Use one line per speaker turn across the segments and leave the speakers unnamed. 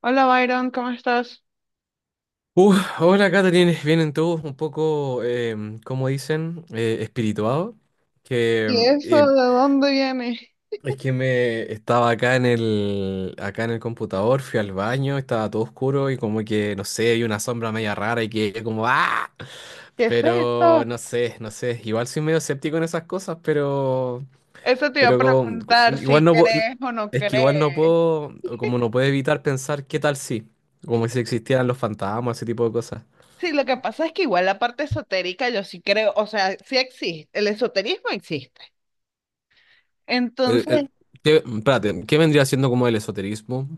Hola Byron, ¿cómo estás?
Uh, Hola, Catherine. Vienen todos un poco, como dicen, espirituados. Que
¿Y
em,
eso
eh,
de dónde viene?
es que me estaba acá en acá en el computador, fui al baño, estaba todo oscuro y como que, no sé, hay una sombra media rara y que como ¡ah!
¿Qué es
Pero
esto?
no sé, no sé. Igual soy medio escéptico en esas cosas,
Eso te iba a
pero como-
preguntar
igual
si
no puedo,
crees o no
es que igual no
crees.
puedo, como no puedo evitar pensar qué tal si, como si existieran los fantasmas, ese tipo de cosas.
Sí, lo que pasa es que igual la parte esotérica yo sí creo, o sea, sí existe, el esoterismo existe.
el-
Entonces,
el- Espérate, ¿qué vendría siendo como el esoterismo?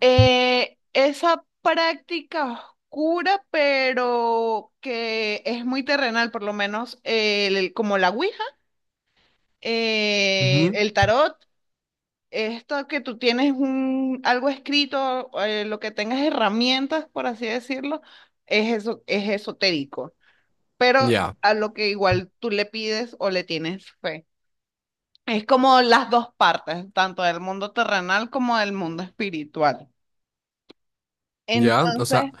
esa práctica oscura, pero que es muy terrenal, por lo menos como la Ouija,
Ujú.
el tarot. Esto que tú tienes un, algo escrito, lo que tengas herramientas, por así decirlo, es eso, es esotérico, pero
Ya,
a lo que igual tú le pides o le tienes fe. Es como las dos partes, tanto del mundo terrenal como del mundo espiritual.
ya, o
Entonces,
sea,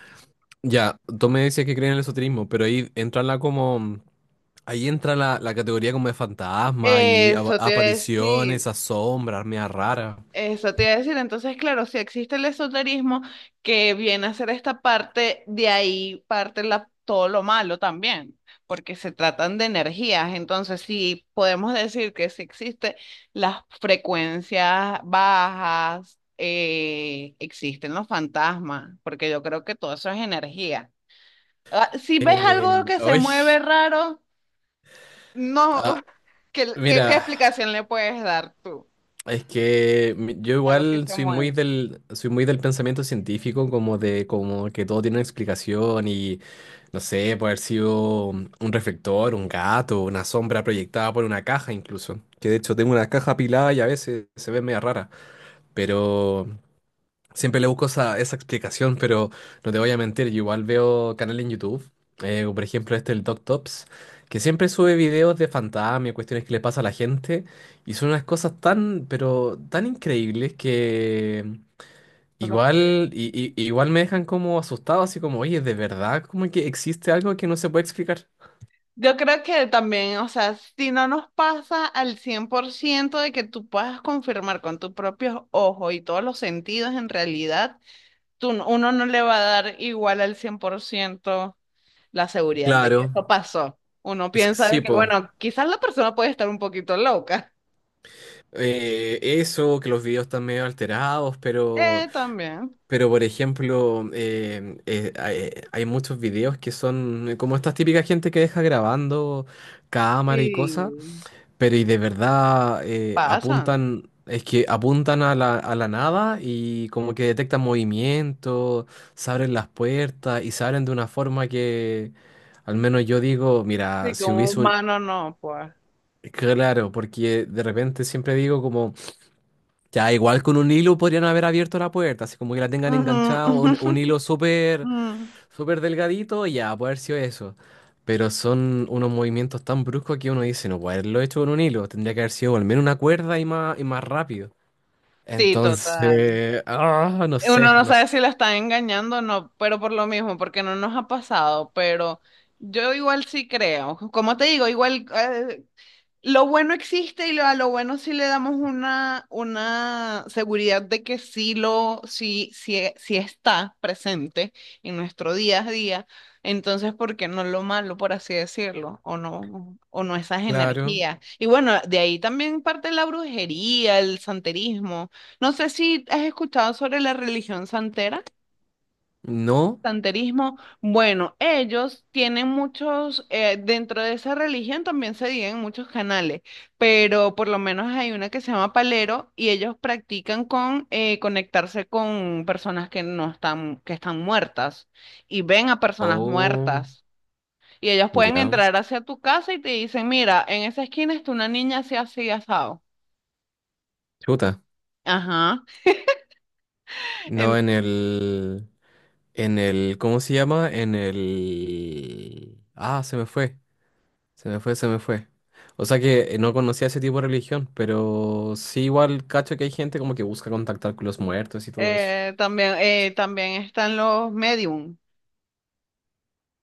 ya, tú me dices que creen en el esoterismo, pero ahí entra la categoría como de fantasma y
eso te iba a decir.
apariciones, a sombras, media rara.
Eso te iba a decir, entonces claro, si existe el esoterismo que viene a ser esta parte, de ahí todo lo malo también, porque se tratan de energías, entonces si podemos decir que si existe las frecuencias bajas, existen los fantasmas, porque yo creo que todo eso es energía. Ah, si ves algo que se
Uy,
mueve raro, no.
ah,
¿Qué, qué
mira.
explicación le puedes dar tú?
Es que yo
Algo que
igual
se
soy muy
mueve,
soy muy del pensamiento científico, como de como que todo tiene una explicación y no sé, puede haber sido un reflector, un gato, una sombra proyectada por una caja incluso. Que de hecho tengo una caja apilada y a veces se ve media rara. Pero siempre le busco esa explicación, pero no te voy a mentir, yo igual veo canales en YouTube, como por ejemplo este el Doc Tops, que siempre sube videos de fantasmas, y cuestiones que le pasa a la gente, y son unas cosas tan, pero tan increíbles que
¿tú lo crees?
igual me dejan como asustado, así como, oye, ¿de verdad como que existe algo que no se puede explicar?
Yo creo que también, o sea, si no nos pasa al 100% de que tú puedas confirmar con tus propios ojos y todos los sentidos, en realidad, tú, no- uno no le va a dar igual al 100% la seguridad de
Claro,
que eso pasó. Uno
es que
piensa
sí,
de que,
po.
bueno, quizás la persona puede estar un poquito loca.
Eso, que los videos están medio alterados. Pero...
También.
Pero, por ejemplo, hay muchos videos que son como estas típicas gente que deja grabando cámara y
Sí,
cosas, pero y de verdad
pasan.
es que apuntan a a la nada y como que detectan movimiento, se abren las puertas y se abren de una forma que al menos yo digo, mira,
Sí, que
si
un
hubiese un...
humano no, pues.
Claro, porque de repente siempre digo como... Ya, igual con un hilo podrían haber abierto la puerta, así como que la tengan
Ujú,
enganchada, un hilo súper
ujú.
súper delgadito, ya, puede haber sido eso. Pero son unos movimientos tan bruscos que uno dice, no puede haberlo hecho con un hilo, tendría que haber sido al menos una cuerda y más rápido.
Sí, total.
Entonces, no
Uno
sé,
no
no sé.
sabe si la están engañando o no, pero por lo mismo, porque no nos ha pasado, pero yo igual sí creo. Como te digo, igual lo bueno existe y a lo bueno sí le damos una seguridad de que sí lo, sí, sí, sí está presente en nuestro día a día. Entonces, ¿por qué no lo malo, por así decirlo? O no esas
Claro,
energías. Y bueno, de ahí también parte la brujería, el santerismo. No sé si has escuchado sobre la religión santera.
no.
Santerismo, bueno, ellos tienen muchos, dentro de esa religión también se dividen muchos canales, pero por lo menos hay una que se llama Palero y ellos practican con conectarse con personas que no están, que están muertas y ven a personas
Oh,
muertas y ellos pueden
ya.
entrar hacia tu casa y te dicen, mira, en esa esquina está una niña así, así, asado.
Chuta.
Ajá.
No
En-
en el, ¿cómo se llama? En el, se me fue. Se me fue, se me fue. O sea que no conocía ese tipo de religión, pero sí igual cacho que hay gente como que busca contactar con los muertos y todo eso.
también, también están los medium,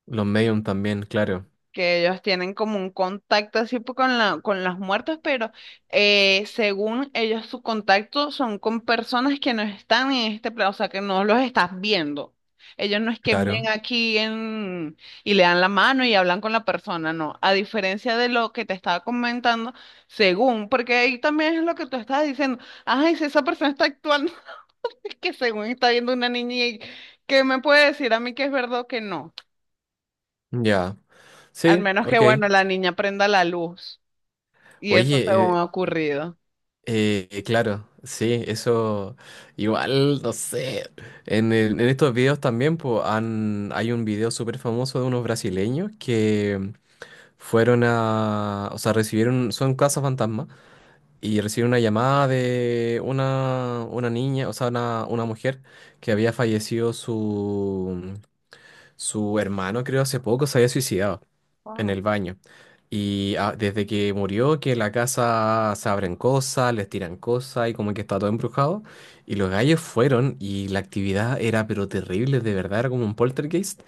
Los medium también, claro.
que ellos tienen como un contacto con la, con los muertos, pero según ellos su contacto son con personas que no están en este plano, o sea, que no los estás viendo. Ellos no es que ven
Claro.
aquí en, y le dan la mano y hablan con la persona, no. A diferencia de lo que te estaba comentando, según, porque ahí también es lo que tú estabas diciendo, ay, si esa persona está actuando, es que según está viendo una niña y que me puede decir a mí que es verdad o que no.
Ya.
Al
Sí,
menos que,
ok.
bueno, la niña prenda la luz. Y eso
Oye,
según ha ocurrido.
claro, sí, eso igual, no sé. En estos videos también po, hay un video súper famoso de unos brasileños que fueron a, o sea, recibieron, son casas fantasma y recibí una llamada de una niña, o sea, una mujer que había fallecido su hermano, creo, hace poco se había suicidado en
Wow,
el baño. Y desde que murió, que la casa se abren cosas, les tiran cosas y como que está todo embrujado. Y los gallos fueron y la actividad era pero terrible, de verdad, era como un poltergeist,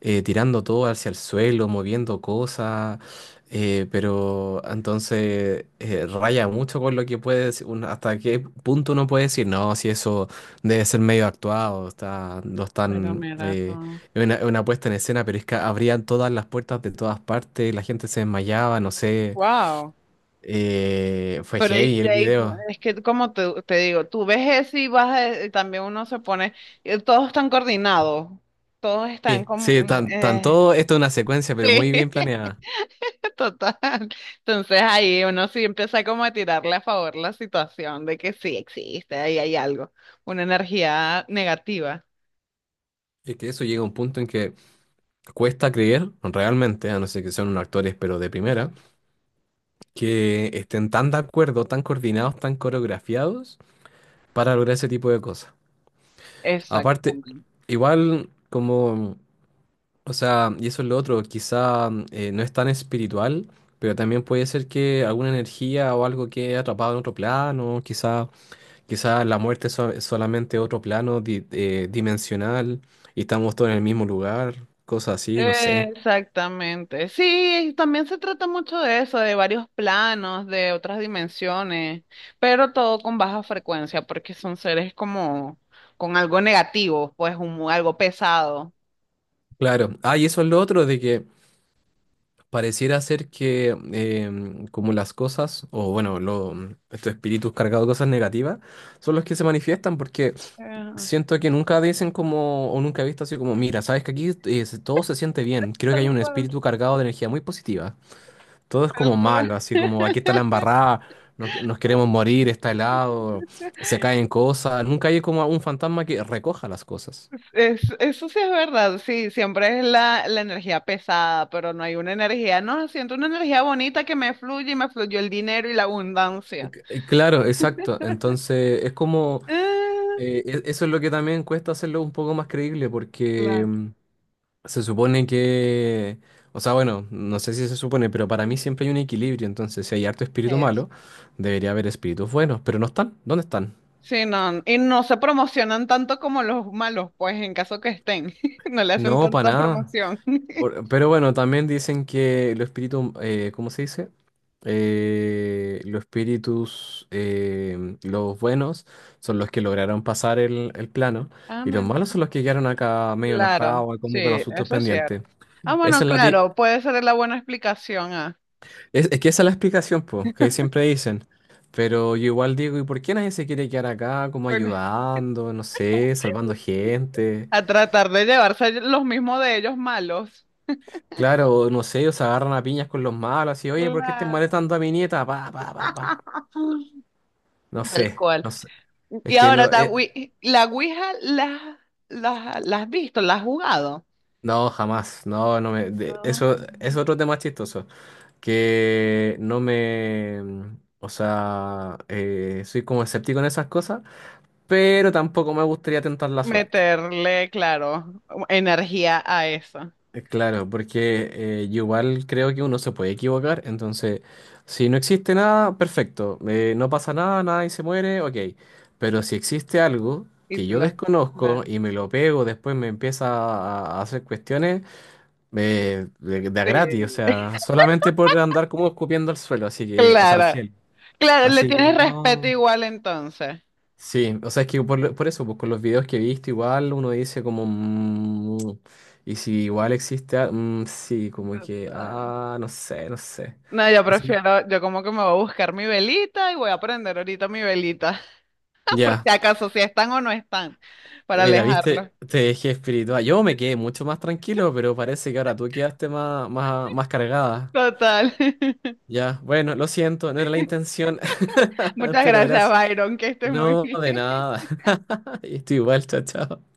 tirando todo hacia el suelo, moviendo cosas. Pero entonces raya mucho con lo que puede decir, hasta qué punto uno puede decir, no, si eso debe ser medio actuado, está, lo
pero
están
mira todo.
es una puesta en escena, pero es que abrían todas las puertas de todas partes, la gente se desmayaba, no sé.
Wow.
Fue
Pero y
heavy el
te- y
video.
es que como te digo, tú ves eso y y también uno se pone, todos están coordinados, todos están
Sí, sí,
como,
tan todo esto es una secuencia, pero muy bien
sí,
planeada.
total. Entonces ahí uno sí empieza como a tirarle a favor la situación de que sí existe, ahí hay algo, una energía negativa.
Es que eso llega a un punto en que cuesta creer, realmente, a no ser que sean unos actores, pero de primera,
Claro.
que estén tan de acuerdo, tan coordinados, tan coreografiados para lograr ese tipo de cosas. Aparte,
Exactamente.
igual como o sea, y eso es lo otro, quizá no es tan espiritual, pero también puede ser que alguna energía o algo quede atrapado en otro plano, quizá, quizá la muerte es so- es solamente otro plano dimensional y estamos todos en el mismo lugar, cosas así, no sé.
Exactamente. Sí, y también se trata mucho de eso, de varios planos, de otras dimensiones, pero todo con baja frecuencia, porque son seres como con algo negativo, pues algo pesado.
Claro, y eso es lo otro, de que pareciera ser que como las cosas, o bueno, estos espíritus cargados de cosas negativas, son los que se manifiestan porque...
Ajá,
Siento que nunca dicen como, o nunca he visto así como, mira, sabes que aquí todo se siente bien. Creo que hay
tal
un
cual,
espíritu cargado de energía muy positiva. Todo es
tal
como malo,
cual.
así como aquí está la embarrada, nos queremos morir, está helado, se caen cosas. Nunca hay como un fantasma que recoja las cosas.
Eso sí es verdad, sí, siempre es la, la energía pesada, pero no hay una energía, no, siento una energía bonita que me fluye y me fluyó el dinero y la abundancia.
Claro, exacto. Entonces, es como,
Ah,
eso es lo que también cuesta hacerlo un poco más creíble, porque
claro.
se supone que, o sea, bueno, no sé si se supone, pero para mí siempre hay un equilibrio, entonces si hay harto espíritu
Es-
malo, debería haber espíritus buenos, pero no están, ¿dónde están?
sí, no, y no se promocionan tanto como los malos, pues en caso que estén, no le hacen
No, para
tanta
nada.
promoción.
Pero bueno, también dicen que los espíritus, ¿cómo se dice? Los espíritus, los buenos son los que lograron pasar el plano
Ah,
y los malos
bueno.
son los que quedaron acá medio
Claro,
enojados,
sí,
como con asuntos
eso es cierto.
pendientes.
Ah,
Esa
bueno,
es la, ti-
claro, puede ser la buena explicación a,
Es que esa es la explicación, pues, que siempre dicen. Pero yo igual digo, ¿y por qué nadie se quiere quedar acá como
bueno,
ayudando, no sé, salvando gente?
a tratar de llevarse los mismos de ellos malos.
Claro, no sé, ellos se agarran a piñas con los malos y, oye, ¿por qué estás
Claro.
molestando a mi nieta? Pa, pa, pa, pa. No
Tal
sé,
cual.
no sé. Es
Y
que
ahora,
lo... eh,
La Ouija, ¿la, la, la has visto? ¿La has jugado?
no, jamás. No, no me...
No.
Eso es otro tema chistoso. Que no me... O sea, soy como escéptico en esas cosas, pero tampoco me gustaría tentar la suerte.
Meterle, claro, energía a eso.
Claro, porque yo igual creo que uno se puede equivocar, entonces si no existe nada, perfecto, no pasa nada, nadie se muere, ok, pero si existe algo
Y
que
tú
yo
lo, claro,
desconozco y me lo pego, después me empieza a hacer cuestiones de a
sí,
gratis, o sea, solamente por andar como escupiendo al suelo, así que, o sea, al
claro,
cielo,
claro, le
así que
tienes respeto
no.
igual entonces.
Sí, o sea, es que por eso, pues con los videos que he visto, igual uno dice como, "Mm, y si igual existe, sí, como que, no sé, no sé."
No, yo
Así,
prefiero, yo como que me voy a buscar mi velita y voy a prender ahorita mi velita, por
ya,
si acaso, si están o no están, para
mira, viste,
alejarlos.
te dejé espiritual. Yo me quedé mucho más tranquilo, pero parece que ahora tú quedaste más, más, más cargada.
Total.
Ya, bueno, lo siento, no era la intención,
Muchas
pero
gracias,
gracias.
Byron, que estés muy
No, de
bien.
nada. Estoy igual, chao, chao.